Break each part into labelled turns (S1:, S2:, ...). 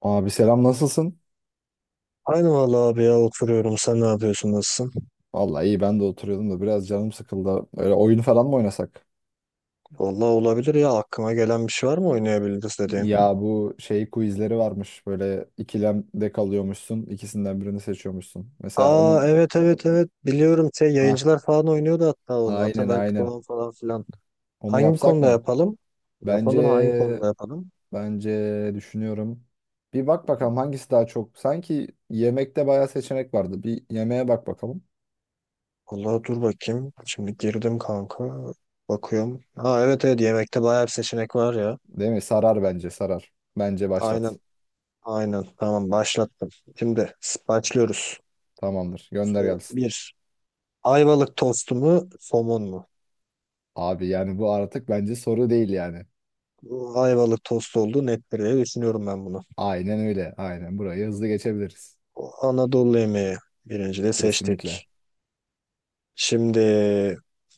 S1: Abi selam nasılsın?
S2: Aynı vallahi abi ya oturuyorum. Sen ne yapıyorsun? Nasılsın?
S1: Vallahi iyi ben de oturuyordum da biraz canım sıkıldı. Öyle oyun falan mı oynasak?
S2: Vallahi olabilir ya. Aklıma gelen bir şey var mı oynayabiliriz dediğin?
S1: Ya bu şey quizleri varmış. Böyle ikilemde kalıyormuşsun. İkisinden birini seçiyormuşsun. Mesela
S2: Aa
S1: onun
S2: evet evet evet. Biliyorum şey
S1: ha
S2: yayıncılar falan oynuyordu hatta onu.
S1: aynen
S2: Ataberk
S1: aynen.
S2: Doğan falan filan.
S1: Onu
S2: Hangi
S1: yapsak
S2: konuda
S1: mı?
S2: yapalım? Yapalım hangi
S1: Bence
S2: konuda yapalım?
S1: bence düşünüyorum. Bir bak bakalım hangisi daha çok. Sanki yemekte bayağı seçenek vardı. Bir yemeğe bak bakalım.
S2: Vallahi dur bakayım. Şimdi girdim kanka. Bakıyorum. Ha evet evet yemekte bayağı bir seçenek var ya.
S1: Değil mi? Sarar bence sarar. Bence başlat.
S2: Aynen aynen. Tamam başlattım. Şimdi başlıyoruz.
S1: Tamamdır. Gönder
S2: Soru
S1: gelsin.
S2: 1. Ayvalık tostu mu, somun mu?
S1: Abi yani bu artık bence soru değil yani.
S2: Ayvalık tost olduğu nettir diye düşünüyorum ben bunu.
S1: Aynen öyle. Aynen burayı hızlı geçebiliriz.
S2: Anadolu yemeği birinci de
S1: Kesinlikle.
S2: seçtik. Şimdi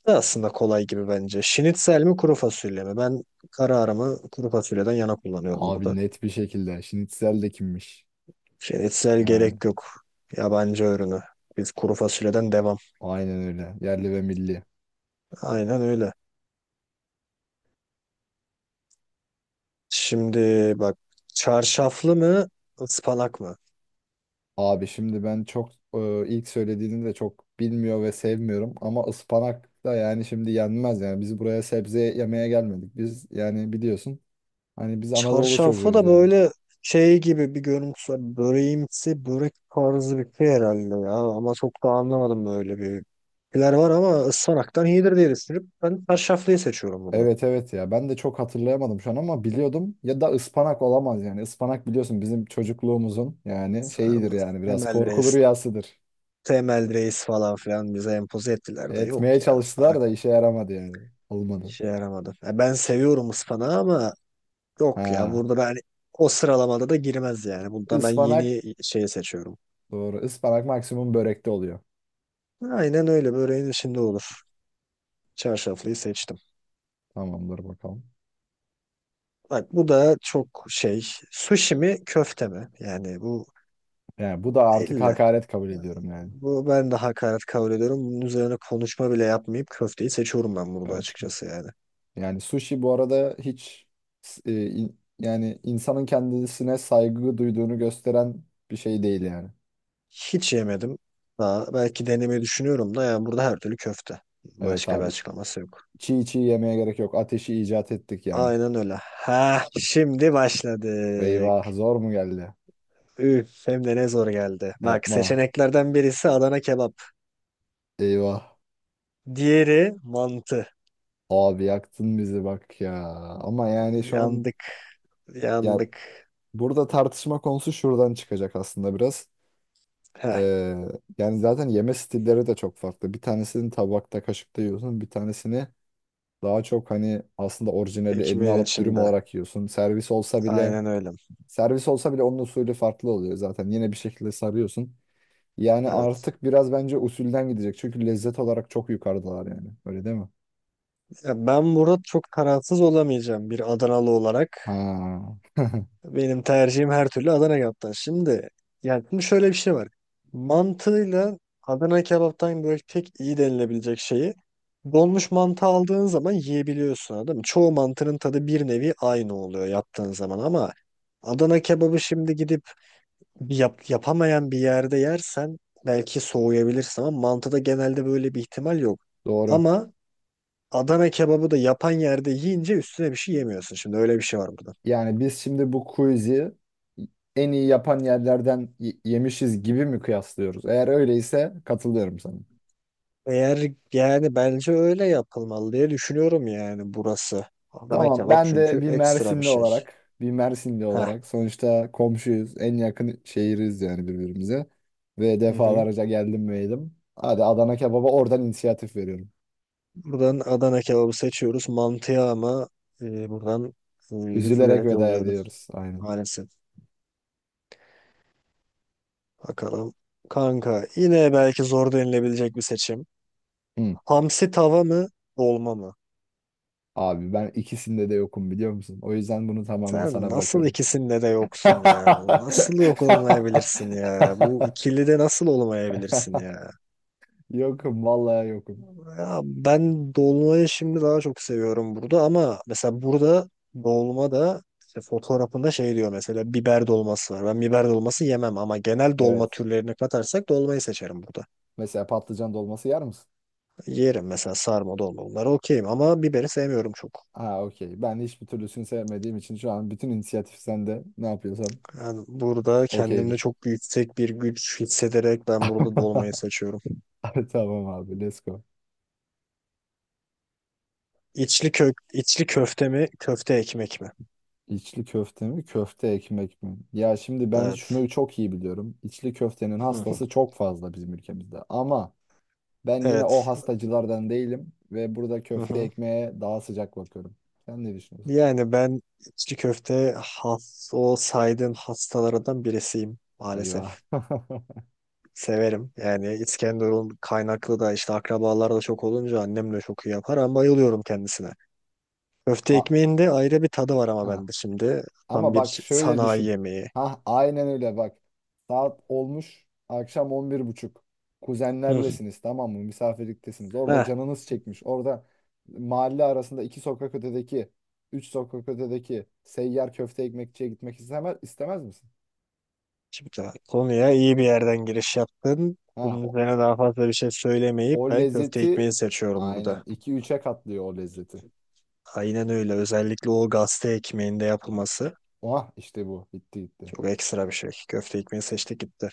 S2: bu da aslında kolay gibi bence. Şinitsel mi kuru fasulye mi? Ben kararımı kuru fasulyeden yana kullanıyorum
S1: Abi
S2: burada.
S1: net bir şekilde. Şinitzel de kimmiş?
S2: Şinitsel
S1: Yani.
S2: gerek yok. Yabancı ürünü. Biz kuru fasulyeden devam.
S1: Aynen öyle. Yerli ve milli.
S2: Aynen öyle. Şimdi bak çarşaflı mı ıspanak mı?
S1: Abi şimdi ben çok ilk söylediğini de çok bilmiyor ve sevmiyorum ama ıspanak da yani şimdi yenmez yani. Biz buraya sebze yemeye gelmedik. Biz yani biliyorsun hani biz Anadolu
S2: Çarşaflı
S1: çocuğuyuz
S2: da
S1: yani.
S2: böyle şey gibi bir görüntüsü var. Böreğimsi, börek tarzı bir şey herhalde ya. Ama çok da anlamadım böyle bir şeyler var ama ıspanaktan iyidir diye düşünüp ben çarşaflıyı seçiyorum burada.
S1: Evet evet ya ben de çok hatırlayamadım şu an ama biliyordum ya da ıspanak olamaz yani. Ispanak biliyorsun bizim çocukluğumuzun yani şeyidir
S2: Sarmaz.
S1: yani biraz
S2: Temel
S1: korkulu
S2: reis,
S1: rüyasıdır.
S2: temel reis falan filan bize empoze ettiler de yok
S1: Etmeye
S2: ya.
S1: çalıştılar
S2: Ispanak
S1: da işe yaramadı yani. Olmadı.
S2: şey yaramadı. Ya ben seviyorum ıspanağı ama yok ya.
S1: Ha.
S2: Burada ben o sıralamada da girmez yani. Burada ben
S1: Ispanak
S2: yeni şeyi seçiyorum.
S1: doğru. Ispanak maksimum börekte oluyor.
S2: Aynen öyle. Böreğin içinde olur. Çarşaflıyı seçtim.
S1: Tamamdır bakalım.
S2: Bak bu da çok şey. Sushi mi köfte mi? Yani bu
S1: Yani bu da artık
S2: 50.
S1: hakaret kabul ediyorum yani.
S2: Bu ben de hakaret kabul ediyorum. Bunun üzerine konuşma bile yapmayıp köfteyi seçiyorum ben burada
S1: Evet.
S2: açıkçası yani.
S1: Yani sushi bu arada hiç yani insanın kendisine saygı duyduğunu gösteren bir şey değil yani.
S2: Hiç yemedim. Daha belki denemeyi düşünüyorum da yani burada her türlü köfte.
S1: Evet
S2: Başka bir
S1: abi.
S2: açıklaması yok.
S1: Çiğ çiğ yemeye gerek yok. Ateşi icat ettik yani.
S2: Aynen öyle. Ha şimdi başladık.
S1: Eyvah zor mu geldi?
S2: Üf hem de ne zor geldi. Bak
S1: Yapma.
S2: seçeneklerden birisi Adana kebap.
S1: Eyvah.
S2: Diğeri mantı.
S1: Abi yaktın bizi bak ya. Ama yani şu an
S2: Yandık
S1: ya
S2: yandık.
S1: burada tartışma konusu şuradan çıkacak aslında biraz.
S2: Heh.
S1: Ee, yani zaten yeme stilleri de çok farklı. Bir tanesini tabakta, kaşıkta yiyorsun. Bir tanesini daha çok hani aslında orijinali eline
S2: Ekmeğin
S1: alıp dürüm
S2: içinde.
S1: olarak yiyorsun. Servis olsa bile
S2: Aynen öyle.
S1: servis olsa bile onun usulü farklı oluyor zaten. Yine bir şekilde sarıyorsun. Yani
S2: Evet.
S1: artık biraz bence usulden gidecek. Çünkü lezzet olarak çok yukarıdalar yani. Öyle değil mi?
S2: Ya ben burada çok kararsız olamayacağım bir Adanalı olarak.
S1: Ha.
S2: Benim tercihim her türlü Adana kebaptan. Şimdi yani şimdi şöyle bir şey var. Mantığıyla Adana kebaptan böyle tek iyi denilebilecek şeyi donmuş mantı aldığın zaman yiyebiliyorsun anladın mı? Çoğu mantının tadı bir nevi aynı oluyor yaptığın zaman ama Adana kebabı şimdi gidip yapamayan bir yerde yersen belki soğuyabilirsin ama mantıda genelde böyle bir ihtimal yok.
S1: Doğru.
S2: Ama Adana kebabı da yapan yerde yiyince üstüne bir şey yemiyorsun. Şimdi öyle bir şey var burada.
S1: Yani biz şimdi bu quiz'i en iyi yapan yerlerden yemişiz gibi mi kıyaslıyoruz? Eğer öyleyse katılıyorum sana.
S2: Eğer yani bence öyle yapılmalı diye düşünüyorum yani burası. Adana
S1: Tamam,
S2: kebap
S1: ben de
S2: çünkü
S1: bir
S2: ekstra bir
S1: Mersinli
S2: şey.
S1: olarak, bir Mersinli
S2: Heh.
S1: olarak sonuçta komşuyuz, en yakın şehiriz yani birbirimize ve
S2: Hı hı.
S1: defalarca geldim ve yedim. Hadi Adana kebaba oradan inisiyatif veriyorum.
S2: Buradan Adana kebabı seçiyoruz. Mantıya ama buradan
S1: Üzülerek
S2: üzülerek
S1: veda
S2: yolluyoruz
S1: ediyoruz. Aynen.
S2: maalesef. Bakalım. Kanka yine belki zor denilebilecek bir seçim.
S1: Hı.
S2: Hamsi tava mı, dolma mı?
S1: Abi ben ikisinde de yokum biliyor musun? O yüzden bunu tamamen
S2: Sen
S1: sana
S2: nasıl
S1: bırakıyorum.
S2: ikisinde de yoksun ya? Bu nasıl yok olmayabilirsin ya? Bu ikilide nasıl olmayabilirsin ya?
S1: Yokum vallahi yokum.
S2: Ya ben dolmayı şimdi daha çok seviyorum burada ama mesela burada dolma da işte fotoğrafında şey diyor mesela biber dolması var. Ben biber dolması yemem ama genel dolma
S1: Evet.
S2: türlerini katarsak dolmayı seçerim burada.
S1: Mesela patlıcan dolması yer misin?
S2: Yerim mesela sarma dolma bunlar okeyim ama biberi sevmiyorum çok.
S1: Ha okey. Ben hiçbir türlüsünü sevmediğim için şu an bütün inisiyatif sende. Ne yapıyorsam
S2: Yani burada kendimde
S1: okeydir.
S2: çok yüksek bir güç hissederek ben burada dolmayı seçiyorum.
S1: Ay, Tamam abi let's go.
S2: İçli köfte mi, köfte ekmek mi?
S1: İçli köfte mi köfte ekmek mi? Ya şimdi ben
S2: Evet.
S1: şunu çok iyi biliyorum. İçli köftenin
S2: Hı.
S1: hastası çok fazla bizim ülkemizde. Ama ben yine o
S2: Evet.
S1: hastacılardan değilim. Ve burada
S2: Hı
S1: köfte
S2: hı.
S1: ekmeğe daha sıcak bakıyorum. Sen ne düşünüyorsun?
S2: Yani ben içli köfte has, o saydığım hastalardan birisiyim
S1: Eyvah.
S2: maalesef. Severim. Yani İskenderun kaynaklı da işte akrabalar da çok olunca annem de çok iyi yapar ama bayılıyorum kendisine. Köfte
S1: A-
S2: ekmeğin de ayrı bir tadı var ama
S1: ha.
S2: bende şimdi. Tam
S1: Ama bak
S2: bir
S1: şöyle
S2: sanayi
S1: düşün.
S2: yemeği.
S1: Ha aynen öyle bak. Saat olmuş akşam on bir buçuk
S2: Hı.
S1: Kuzenlerlesiniz tamam mı? Misafirliktesiniz. Orada
S2: Ha,
S1: canınız çekmiş. Orada mahalle arasında iki sokak ötedeki, üç sokak ötedeki seyyar köfte ekmekçiye gitmek istemez, istemez misin?
S2: şimdi konuya iyi bir yerden giriş yaptın.
S1: Ha
S2: Bunun
S1: o,
S2: üzerine daha fazla bir şey
S1: o
S2: söylemeyip ben köfte
S1: lezzeti
S2: ekmeği seçiyorum burada.
S1: aynen iki 3'e katlıyor o lezzeti.
S2: Aynen öyle. Özellikle o gazete ekmeğinde yapılması
S1: Oha işte bu. Bitti gitti.
S2: çok ekstra bir şey. Köfte ekmeği seçtik gitti.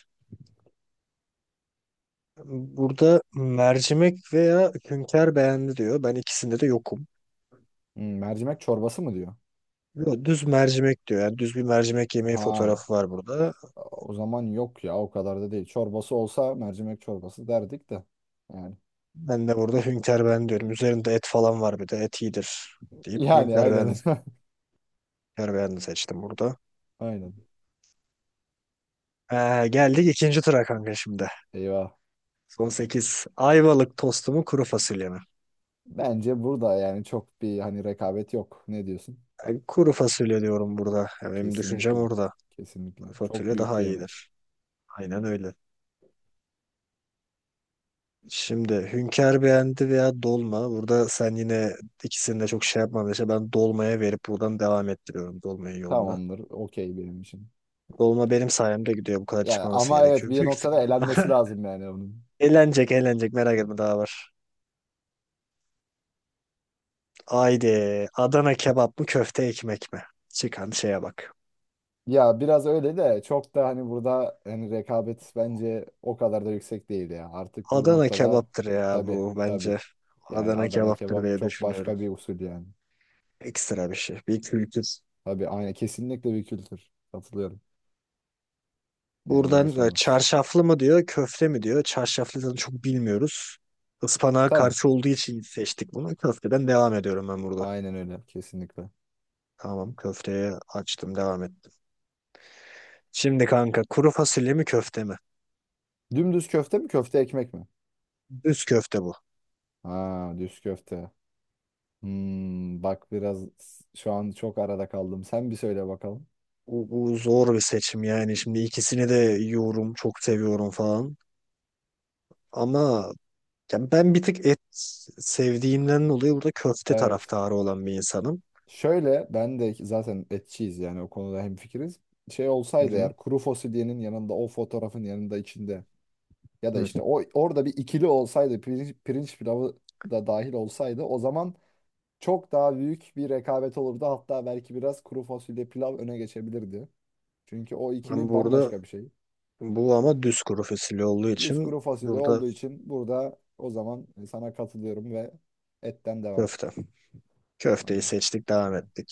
S2: Burada mercimek veya hünkâr beğendi diyor. Ben ikisinde de yokum.
S1: Hmm, mercimek çorbası mı diyor?
S2: Yo, düz mercimek diyor. Yani düz bir mercimek yemeği
S1: Ha
S2: fotoğrafı var burada.
S1: o zaman yok ya o kadar da değil. Çorbası olsa mercimek çorbası derdik de. Yani
S2: Ben de burada hünkâr beğendi diyorum. Üzerinde et falan var bir de et iyidir deyip
S1: yani
S2: hünkâr
S1: aynen.
S2: beğendi. Hünkâr beğendi seçtim burada.
S1: Aynen.
S2: Geldik ikinci tura kanka şimdi.
S1: Eyvah.
S2: Son 8 Ayvalık tostu mu kuru fasulye mi?
S1: Bence burada yani çok bir hani rekabet yok. Ne diyorsun?
S2: Ben kuru fasulye diyorum burada. Ya benim düşüncem
S1: Kesinlikle.
S2: orada.
S1: Kesinlikle.
S2: Kuru
S1: Çok
S2: fasulye
S1: büyük
S2: daha
S1: bir yemek.
S2: iyidir. Aynen öyle. Şimdi Hünkar beğendi veya dolma. Burada sen yine ikisini de çok şey yapmadın. İşte ben dolmaya verip buradan devam ettiriyorum dolmayı yoluna.
S1: Tamamdır. Okey benim için.
S2: Dolma benim sayemde gidiyor. Bu kadar
S1: Ya
S2: çıkmaması
S1: ama evet
S2: gerekiyor.
S1: bir
S2: Büyük
S1: noktada elenmesi
S2: ihtimalle.
S1: lazım yani onun.
S2: Eğlenecek merak etme
S1: Ee,
S2: daha var. Haydi Adana kebap mı köfte ekmek mi? Çıkan şeye bak.
S1: Ya biraz öyle de çok da hani burada hani rekabet bence o kadar da yüksek değil ya. Artık bu
S2: Adana
S1: noktada
S2: kebaptır ya
S1: tabii
S2: bu
S1: tabii.
S2: bence.
S1: Yani
S2: Adana
S1: Adana
S2: kebaptır
S1: kebap
S2: diye
S1: çok
S2: düşünüyorum.
S1: başka bir usul yani.
S2: Ekstra bir şey. Bir kültür.
S1: Tabii aynı kesinlikle bir kültür. Katılıyorum. Yani
S2: Buradan
S1: yarışamaz.
S2: çarşaflı mı diyor, köfte mi diyor. Çarşaflıdan çok bilmiyoruz. Ispanağa
S1: Tabii.
S2: karşı olduğu için seçtik bunu. Köfteden devam ediyorum ben burada.
S1: Aynen öyle kesinlikle.
S2: Tamam köfteye açtım devam ettim. Şimdi kanka kuru fasulye mi köfte mi?
S1: Dümdüz köfte mi köfte ekmek mi?
S2: Düz köfte bu.
S1: Ha düz köfte. Hmm, bak biraz şu an çok arada kaldım. Sen bir söyle bakalım.
S2: Bu zor bir seçim yani. Şimdi ikisini de yiyorum, çok seviyorum falan. Ama ya ben bir tık et sevdiğimden dolayı burada köfte
S1: Evet.
S2: taraftarı olan bir insanım.
S1: Şöyle ben de zaten etçiyiz yani o konuda hemfikiriz. Şey
S2: Hı
S1: olsaydı
S2: hı.
S1: eğer kuru fasulyenin yanında o fotoğrafın yanında içinde ya da
S2: Hı.
S1: işte o orada bir ikili olsaydı pirinç, pirinç pilavı da dahil olsaydı o zaman çok daha büyük bir rekabet olurdu. Hatta belki biraz kuru fasulye pilav öne geçebilirdi. Çünkü o
S2: Ben
S1: ikili
S2: burada
S1: bambaşka bir şey.
S2: bu ama düz kuru fasulye olduğu
S1: Düz
S2: için
S1: kuru fasulye
S2: burada
S1: olduğu için burada o zaman sana katılıyorum ve etten devam.
S2: köfte. Köfteyi
S1: Aynen.
S2: seçtik, devam
S1: Aynen.
S2: ettik.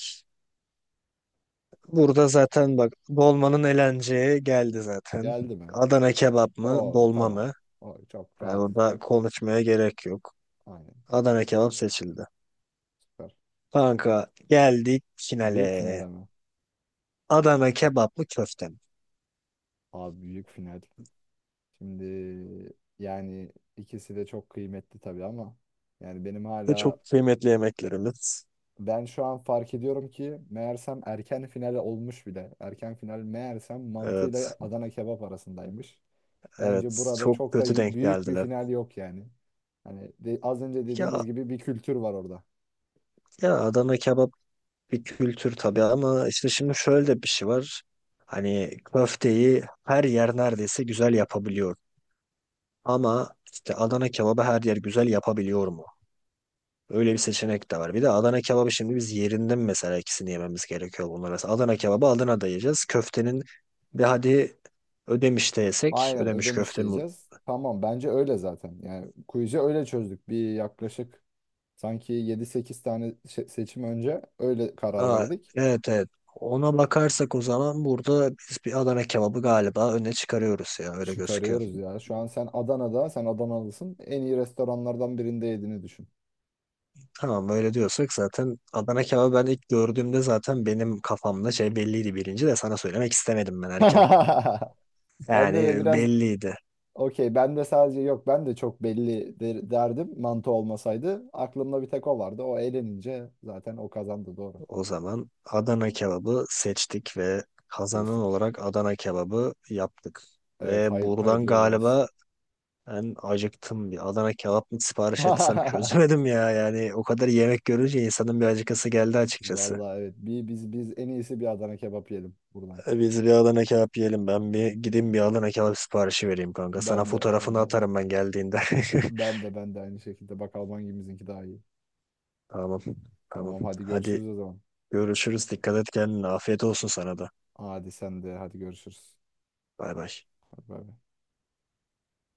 S2: Burada zaten bak dolmanın elenceği geldi zaten.
S1: Geldi mi?
S2: Adana kebap mı,
S1: Oo
S2: dolma
S1: tamam.
S2: mı?
S1: O çok
S2: Yani
S1: rahat.
S2: burada konuşmaya gerek yok.
S1: Aynen.
S2: Adana kebap seçildi.
S1: Süper.
S2: Kanka geldik
S1: Büyük final
S2: finale.
S1: ama.
S2: Adana kebap mı, köfte mi?
S1: Abi büyük final. Şimdi yani ikisi de çok kıymetli tabii ama yani benim
S2: Ve
S1: hala
S2: çok kıymetli yemeklerimiz.
S1: ben şu an fark ediyorum ki meğersem erken final olmuş bile. Erken final meğersem mantıyla
S2: Evet.
S1: Adana kebap arasındaymış. Bence
S2: Evet,
S1: burada
S2: çok
S1: çok da
S2: kötü denk
S1: büyük bir
S2: geldiler.
S1: final yok yani. Hani az önce dediğimiz
S2: Ya
S1: gibi bir kültür var orada.
S2: ya Adana kebap bir kültür tabii ama işte şimdi şöyle de bir şey var. Hani köfteyi her yer neredeyse güzel yapabiliyor. Ama işte Adana kebabı her yer güzel yapabiliyor mu? Öyle bir seçenek de var. Bir de Adana kebabı şimdi biz yerinden mesela ikisini yememiz gerekiyor bunlar. Mesela Adana kebabı Adana'da yiyeceğiz. Köftenin de hadi Ödemiş'te yesek,
S1: Aynen
S2: Ödemiş
S1: ödemiş
S2: köfte mu-
S1: diyeceğiz. Tamam bence öyle zaten. Yani quiz'i öyle çözdük. Bir yaklaşık Sanki 7 8 tane seçim önce öyle karar
S2: Aa,
S1: verdik.
S2: evet evet. Ona bakarsak o zaman burada biz bir Adana kebabı galiba öne çıkarıyoruz ya öyle gözüküyor.
S1: Çıkarıyoruz ya. Şu an sen Adana'da, sen Adanalısın. En iyi restoranlardan birinde yediğini düşün.
S2: Tamam öyle diyorsak zaten Adana kebabı ben ilk gördüğümde zaten benim kafamda şey belliydi birinci de sana söylemek istemedim ben erken.
S1: Ben de
S2: Yani
S1: biraz
S2: belliydi.
S1: okey. Ben de sadece yok. Ben de çok belli derdim mantı olmasaydı. Aklımda bir tek o vardı. O eğlenince zaten o kazandı doğru.
S2: O zaman Adana kebabı seçtik ve kazanan
S1: Seçtik.
S2: olarak Adana kebabı yaptık.
S1: Evet
S2: Ve
S1: hay
S2: buradan
S1: hayırlı uğurlu olsun.
S2: galiba ben acıktım. Bir Adana kebap mı sipariş etsem çözemedim ya. Yani o kadar yemek görünce insanın bir acıkası geldi açıkçası.
S1: Vallahi evet. Biz en iyisi bir Adana kebap yiyelim buradan.
S2: Biz bir Adana kebap yiyelim. Ben bir gideyim bir Adana kebap siparişi vereyim kanka. Sana
S1: Ben de ben
S2: fotoğrafını
S1: de.
S2: atarım ben geldiğinde.
S1: Ben de ben de aynı şekilde. Bak Alman gemizinki daha iyi.
S2: Tamam. Tamam.
S1: Tamam hadi
S2: Hadi
S1: görüşürüz o zaman.
S2: görüşürüz. Dikkat et kendine. Afiyet olsun sana da.
S1: Hadi sen de hadi görüşürüz.
S2: Bay bay.
S1: Hadi bay bay.